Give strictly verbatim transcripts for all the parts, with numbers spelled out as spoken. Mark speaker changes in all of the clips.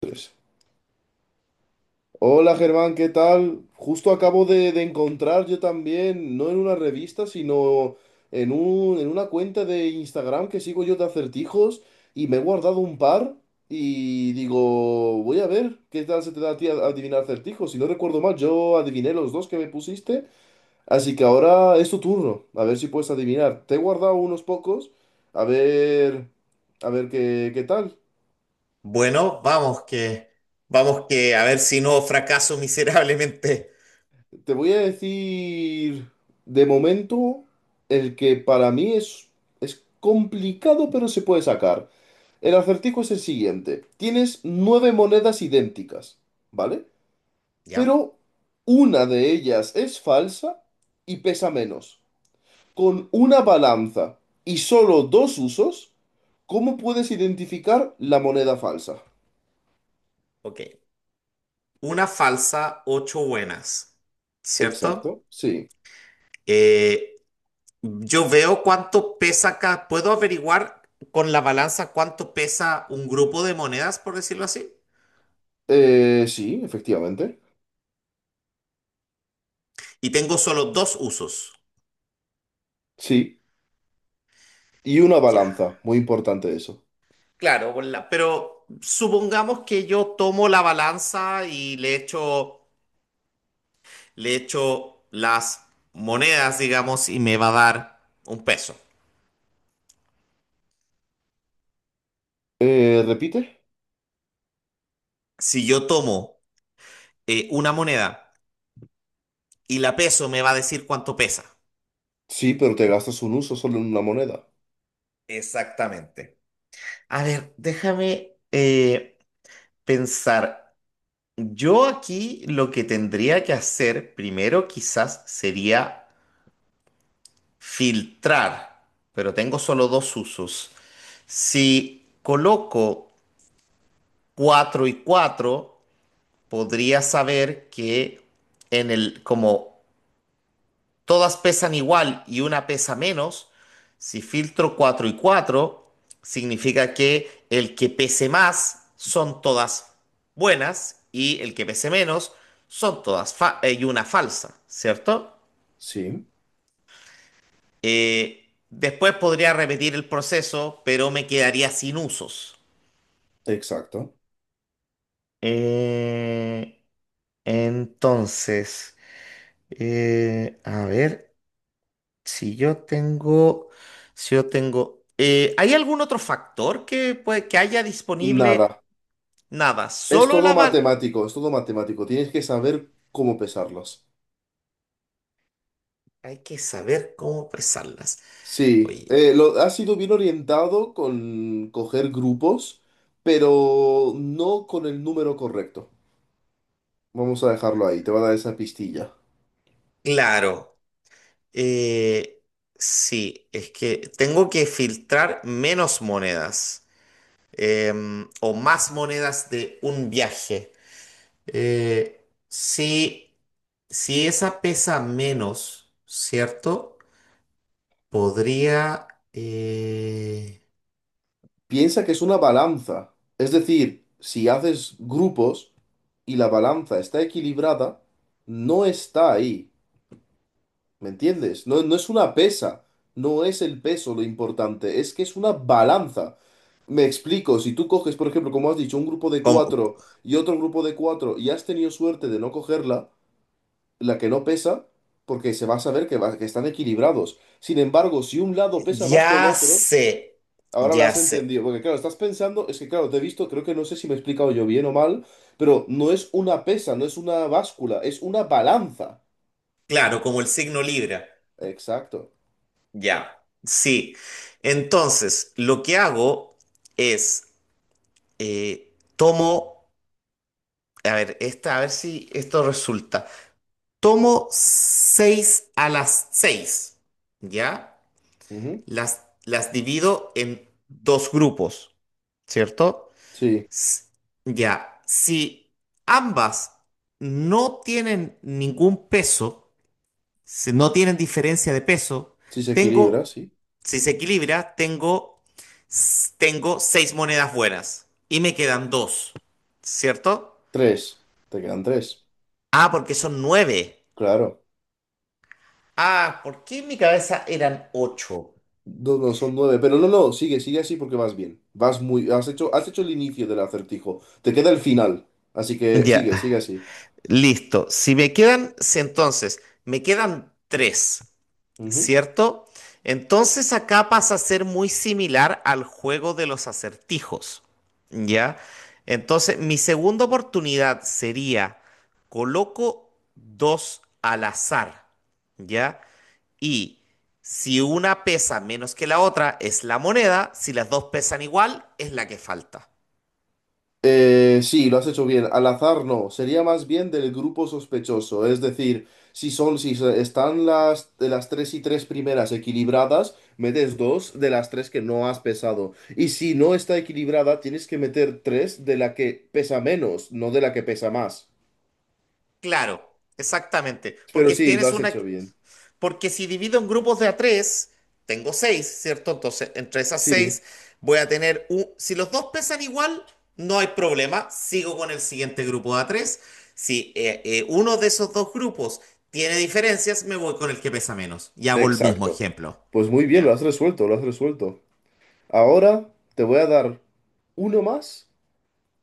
Speaker 1: Pues. Hola Germán, ¿qué tal? Justo acabo de, de encontrar yo también, no en una revista, sino en un, en una cuenta de Instagram que sigo yo de acertijos y me he guardado un par y digo, voy a ver qué tal se te da a ti a- adivinar acertijos. Si no recuerdo mal, yo adiviné los dos que me pusiste, así que ahora es tu turno, a ver si puedes adivinar. Te he guardado unos pocos, a ver, a ver qué, qué tal.
Speaker 2: Bueno, vamos que, vamos que, a ver si no fracaso miserablemente.
Speaker 1: Te voy a decir, de momento, el que para mí es, es complicado, pero se puede sacar. El acertijo es el siguiente. Tienes nueve monedas idénticas, ¿vale?
Speaker 2: ¿Ya?
Speaker 1: Pero una de ellas es falsa y pesa menos. Con una balanza y solo dos usos, ¿cómo puedes identificar la moneda falsa?
Speaker 2: Ok. Una falsa, ocho buenas, ¿cierto?
Speaker 1: Exacto, sí.
Speaker 2: Eh, yo veo cuánto pesa acá. ¿Puedo averiguar con la balanza cuánto pesa un grupo de monedas, por decirlo así?
Speaker 1: Eh, sí, efectivamente.
Speaker 2: Y tengo solo dos usos.
Speaker 1: Sí. Y una
Speaker 2: Ya.
Speaker 1: balanza, muy importante eso.
Speaker 2: Claro, con la- pero supongamos que yo tomo la balanza y le echo... le echo las monedas, digamos, y me va a dar un peso.
Speaker 1: Eh, ¿repite?
Speaker 2: Si yo tomo eh, una moneda y la peso, me va a decir cuánto pesa.
Speaker 1: Sí, pero te gastas un uso solo en una moneda.
Speaker 2: Exactamente. A ver, déjame eh, pensar. Yo aquí lo que tendría que hacer primero quizás sería filtrar, pero tengo solo dos usos. Si coloco cuatro y cuatro podría saber que en el, como todas pesan igual y una pesa menos, si filtro cuatro y cuatro significa que el que pese más son todas buenas y el que pese menos son todas fa- eh, y una falsa, ¿cierto?
Speaker 1: Sí,
Speaker 2: Eh, después podría repetir el proceso, pero me quedaría sin usos.
Speaker 1: exacto.
Speaker 2: Eh, entonces, eh, a ver. Si yo tengo, si yo tengo, eh, ¿hay algún otro factor que, puede, que haya
Speaker 1: Nada.
Speaker 2: disponible? Nada,
Speaker 1: Es
Speaker 2: solo
Speaker 1: todo
Speaker 2: la bala.
Speaker 1: matemático, es todo matemático. Tienes que saber cómo pesarlas.
Speaker 2: Hay que saber cómo pesarlas.
Speaker 1: Sí,
Speaker 2: Oye,
Speaker 1: eh, lo, ha sido bien orientado con coger grupos, pero no con el número correcto. Vamos a dejarlo ahí, te va a dar esa pistilla.
Speaker 2: claro, eh, sí, es que tengo que filtrar menos monedas em, o más monedas de un viaje. Eh, sí. Si esa pesa menos, ¿cierto? Podría... eh,
Speaker 1: Piensa que es una balanza. Es decir, si haces grupos y la balanza está equilibrada, no está ahí. ¿Me entiendes? No, no es una pesa, no es el peso lo importante, es que es una balanza. Me explico, si tú coges, por ejemplo, como has dicho, un grupo de
Speaker 2: Como-
Speaker 1: cuatro y otro grupo de cuatro y has tenido suerte de no cogerla, la que no pesa, porque se va a saber que, va- que están equilibrados. Sin embargo, si un lado pesa más que el
Speaker 2: ya
Speaker 1: otro,
Speaker 2: sé,
Speaker 1: ahora la
Speaker 2: ya
Speaker 1: has
Speaker 2: sé.
Speaker 1: entendido, porque claro, estás pensando, es que claro, te he visto, creo que no sé si me he explicado yo bien o mal, pero no es una pesa, no es una báscula, es una balanza.
Speaker 2: Claro, como el signo Libra.
Speaker 1: Exacto.
Speaker 2: Ya, sí. Entonces, lo que hago es, eh, tomo, a ver, esta, a ver si esto resulta. Tomo seis a las seis, ¿ya?
Speaker 1: Ujú.
Speaker 2: Las, las divido en dos grupos, ¿cierto?
Speaker 1: Sí.
Speaker 2: S- Ya, si ambas no tienen ningún peso, se- no tienen diferencia de peso.
Speaker 1: Si se equilibra,
Speaker 2: Tengo,
Speaker 1: sí.
Speaker 2: si se equilibra, tengo, s- tengo seis monedas buenas y me quedan dos, ¿cierto?
Speaker 1: Tres. Te quedan tres.
Speaker 2: Ah, porque son nueve.
Speaker 1: Claro.
Speaker 2: Ah, ¿por qué en mi cabeza eran ocho?
Speaker 1: No, no, son nueve. Pero no, no, sigue, sigue así porque vas bien. Vas muy. Has hecho, has hecho el inicio del acertijo. Te queda el final. Así que
Speaker 2: Ya,
Speaker 1: sigue, sigue así.
Speaker 2: listo. Si me quedan, si entonces, me quedan tres.
Speaker 1: Ujú.
Speaker 2: ¿Cierto? Entonces acá pasa a ser muy similar al juego de los acertijos, ¿ya? Entonces mi segunda oportunidad sería, coloco dos al azar, ¿ya? Y si una pesa menos que la otra, es la moneda, si las dos pesan igual, es la que falta.
Speaker 1: Eh, sí, lo has hecho bien. Al azar no, sería más bien del grupo sospechoso. Es decir, si son, si se- están las de las tres y tres primeras equilibradas, metes dos de las tres que no has pesado. Y si no está equilibrada, tienes que meter tres de la que pesa menos, no de la que pesa más.
Speaker 2: Claro, exactamente,
Speaker 1: Pero
Speaker 2: porque
Speaker 1: sí, lo
Speaker 2: tienes
Speaker 1: has
Speaker 2: una...
Speaker 1: hecho bien.
Speaker 2: Porque si divido en grupos de a tres, tengo seis, ¿cierto? Entonces, entre esas
Speaker 1: Sí,
Speaker 2: seis voy a tener un... Si los dos pesan igual, no hay problema. Sigo con el siguiente grupo de a tres. Si eh, eh, uno de esos dos grupos tiene diferencias, me voy con el que pesa menos. Y hago el mismo
Speaker 1: exacto.
Speaker 2: ejemplo.
Speaker 1: Pues muy bien, lo
Speaker 2: Ya.
Speaker 1: has resuelto, lo has resuelto. Ahora te voy a dar uno más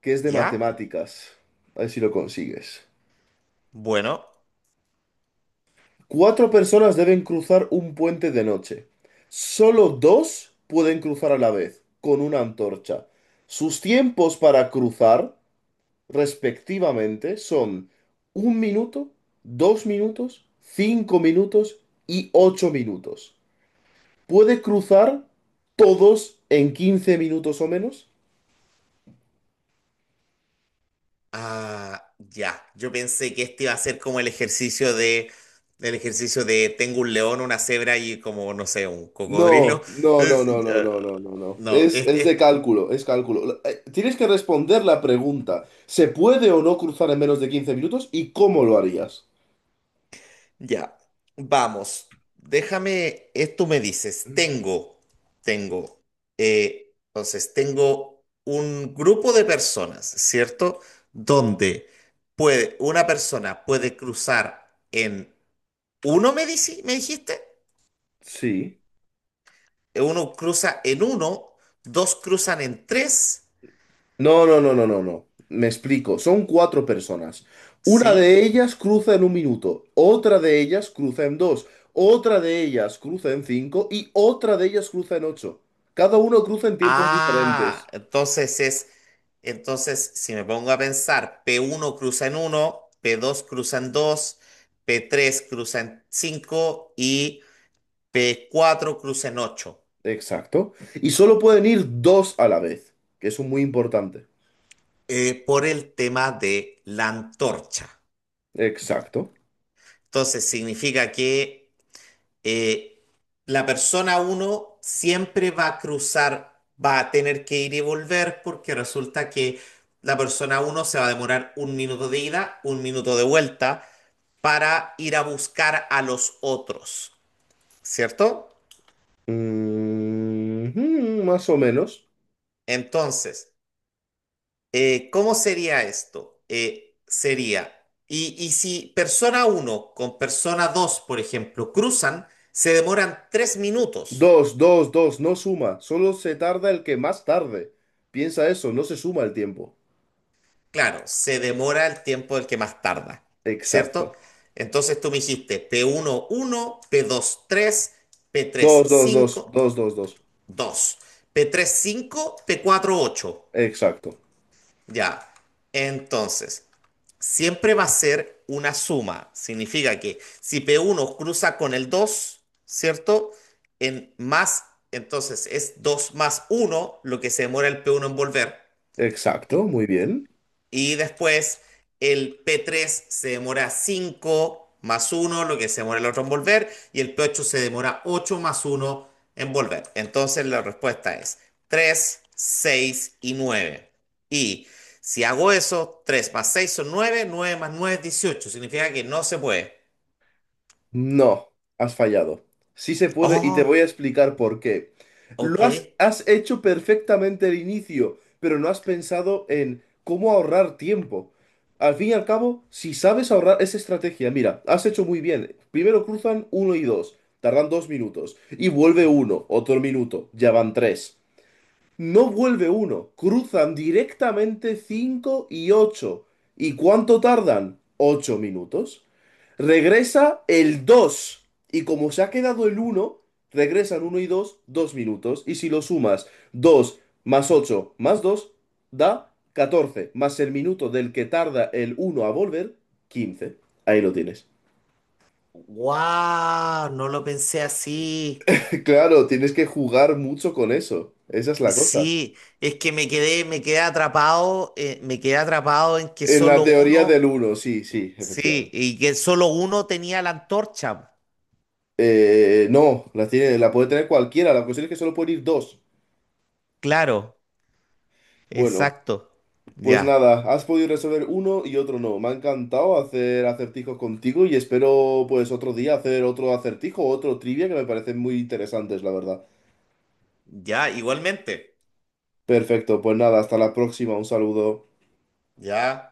Speaker 1: que es de
Speaker 2: ¿Ya?
Speaker 1: matemáticas. A ver si lo consigues.
Speaker 2: Bueno.
Speaker 1: Cuatro personas deben cruzar un puente de noche. Solo dos pueden cruzar a la vez, con una antorcha. Sus tiempos para cruzar, respectivamente, son un minuto, dos minutos, cinco minutos y ocho minutos. ¿Puede cruzar todos en quince minutos o menos?
Speaker 2: Ah, ya. Yo pensé que este iba a ser como el ejercicio de, el ejercicio de tengo un león, una cebra y como, no sé, un cocodrilo.
Speaker 1: No, no, no,
Speaker 2: Es-
Speaker 1: no, no,
Speaker 2: ah,
Speaker 1: no, no, no, no.
Speaker 2: no,
Speaker 1: Es,
Speaker 2: es,
Speaker 1: es de
Speaker 2: es-
Speaker 1: cálculo, es cálculo. La- eh, Tienes que responder la pregunta. ¿Se puede o no cruzar en menos de quince minutos y cómo lo harías?
Speaker 2: ya. Vamos. Déjame, esto me dices. Tengo, tengo. Eh, entonces, tengo un grupo de personas, ¿cierto? Donde puede, una persona puede cruzar en uno, me dici- me dijiste.
Speaker 1: Sí.
Speaker 2: Uno cruza en uno, dos cruzan en tres,
Speaker 1: No, no, no, no, no, no. Me explico. Son cuatro personas. Una
Speaker 2: ¿sí?
Speaker 1: de ellas cruza en un minuto, otra de ellas cruza en dos, otra de ellas cruza en cinco y otra de ellas cruza en ocho. Cada uno cruza en tiempos
Speaker 2: Ah,
Speaker 1: diferentes.
Speaker 2: entonces es, entonces si me pongo a pensar, p uno cruza en uno, p dos cruza en dos, p tres cruza en cinco y p cuatro cruza en ocho,
Speaker 1: Exacto. Y solo pueden ir dos a la vez, que eso es muy importante.
Speaker 2: eh, por el tema de la antorcha.
Speaker 1: Exacto.
Speaker 2: Entonces significa que eh, la persona uno siempre va a cruzar, va a tener que ir y volver porque resulta que la persona uno se va a demorar un minuto de ida, un minuto de vuelta para ir a buscar a los otros, ¿cierto?
Speaker 1: Ujú, más o menos.
Speaker 2: Entonces, eh, ¿cómo sería esto? Eh, sería, y, y si persona uno con persona dos, por ejemplo, cruzan, se demoran tres minutos.
Speaker 1: Dos, dos, dos, no suma. Solo se tarda el que más tarde. Piensa eso, no se suma el tiempo.
Speaker 2: Claro, se demora el tiempo del que más tarda, ¿cierto?
Speaker 1: Exacto.
Speaker 2: Entonces tú me dijiste P uno, uno uno, p dos tres, p tres
Speaker 1: Dos, dos, dos,
Speaker 2: cinco
Speaker 1: dos, dos, dos.
Speaker 2: dos, p tres cinco, p cuatro ocho,
Speaker 1: Exacto.
Speaker 2: Ya. Entonces, siempre va a ser una suma. Significa que si p uno cruza con el dos, ¿cierto? En más, entonces es dos más uno, lo que se demora el p uno en volver.
Speaker 1: Exacto, muy bien.
Speaker 2: Y después el p tres se demora cinco más uno lo que se demora el otro en volver, y el p ocho se demora ocho más uno en volver. Entonces la respuesta es tres seis y nueve. Y si hago eso, tres más seis son nueve nueve más nueve es dieciocho. Significa que no se puede.
Speaker 1: No, has fallado. Sí se puede y te voy
Speaker 2: Oh,
Speaker 1: a explicar por qué.
Speaker 2: ok.
Speaker 1: Lo has, has hecho perfectamente el inicio, pero no has pensado en cómo ahorrar tiempo. Al fin y al cabo, si sabes ahorrar esa estrategia, mira, has hecho muy bien. Primero cruzan uno y dos, tardan dos minutos, y vuelve uno, otro minuto, ya van tres. No vuelve uno, cruzan directamente cinco y ocho. ¿Y cuánto tardan? Ocho minutos. Regresa el dos. Y como se ha quedado el uno, regresan uno y dos, dos minutos. Y si lo sumas, dos más ocho más dos da catorce más el minuto del que tarda el uno a volver, quince. Ahí lo tienes.
Speaker 2: Wow, no lo pensé así.
Speaker 1: Claro, tienes que jugar mucho con eso. Esa es la cosa.
Speaker 2: Sí, es que me quedé, me quedé atrapado, eh, me quedé atrapado en que
Speaker 1: En la
Speaker 2: solo
Speaker 1: teoría del
Speaker 2: uno.
Speaker 1: uno sí, sí,
Speaker 2: Sí,
Speaker 1: efectivamente.
Speaker 2: y que solo uno tenía la antorcha.
Speaker 1: Eh, no, la tiene, la puede tener cualquiera. La cuestión es que solo pueden ir dos.
Speaker 2: Claro,
Speaker 1: Bueno.
Speaker 2: exacto.
Speaker 1: Pues
Speaker 2: Ya.
Speaker 1: nada, has podido resolver uno y otro no. Me ha encantado hacer acertijos contigo y espero pues otro día hacer otro acertijo, otro trivia que me parecen muy interesantes, la verdad.
Speaker 2: Ya, igualmente.
Speaker 1: Perfecto, pues nada, hasta la próxima, un saludo.
Speaker 2: Ya.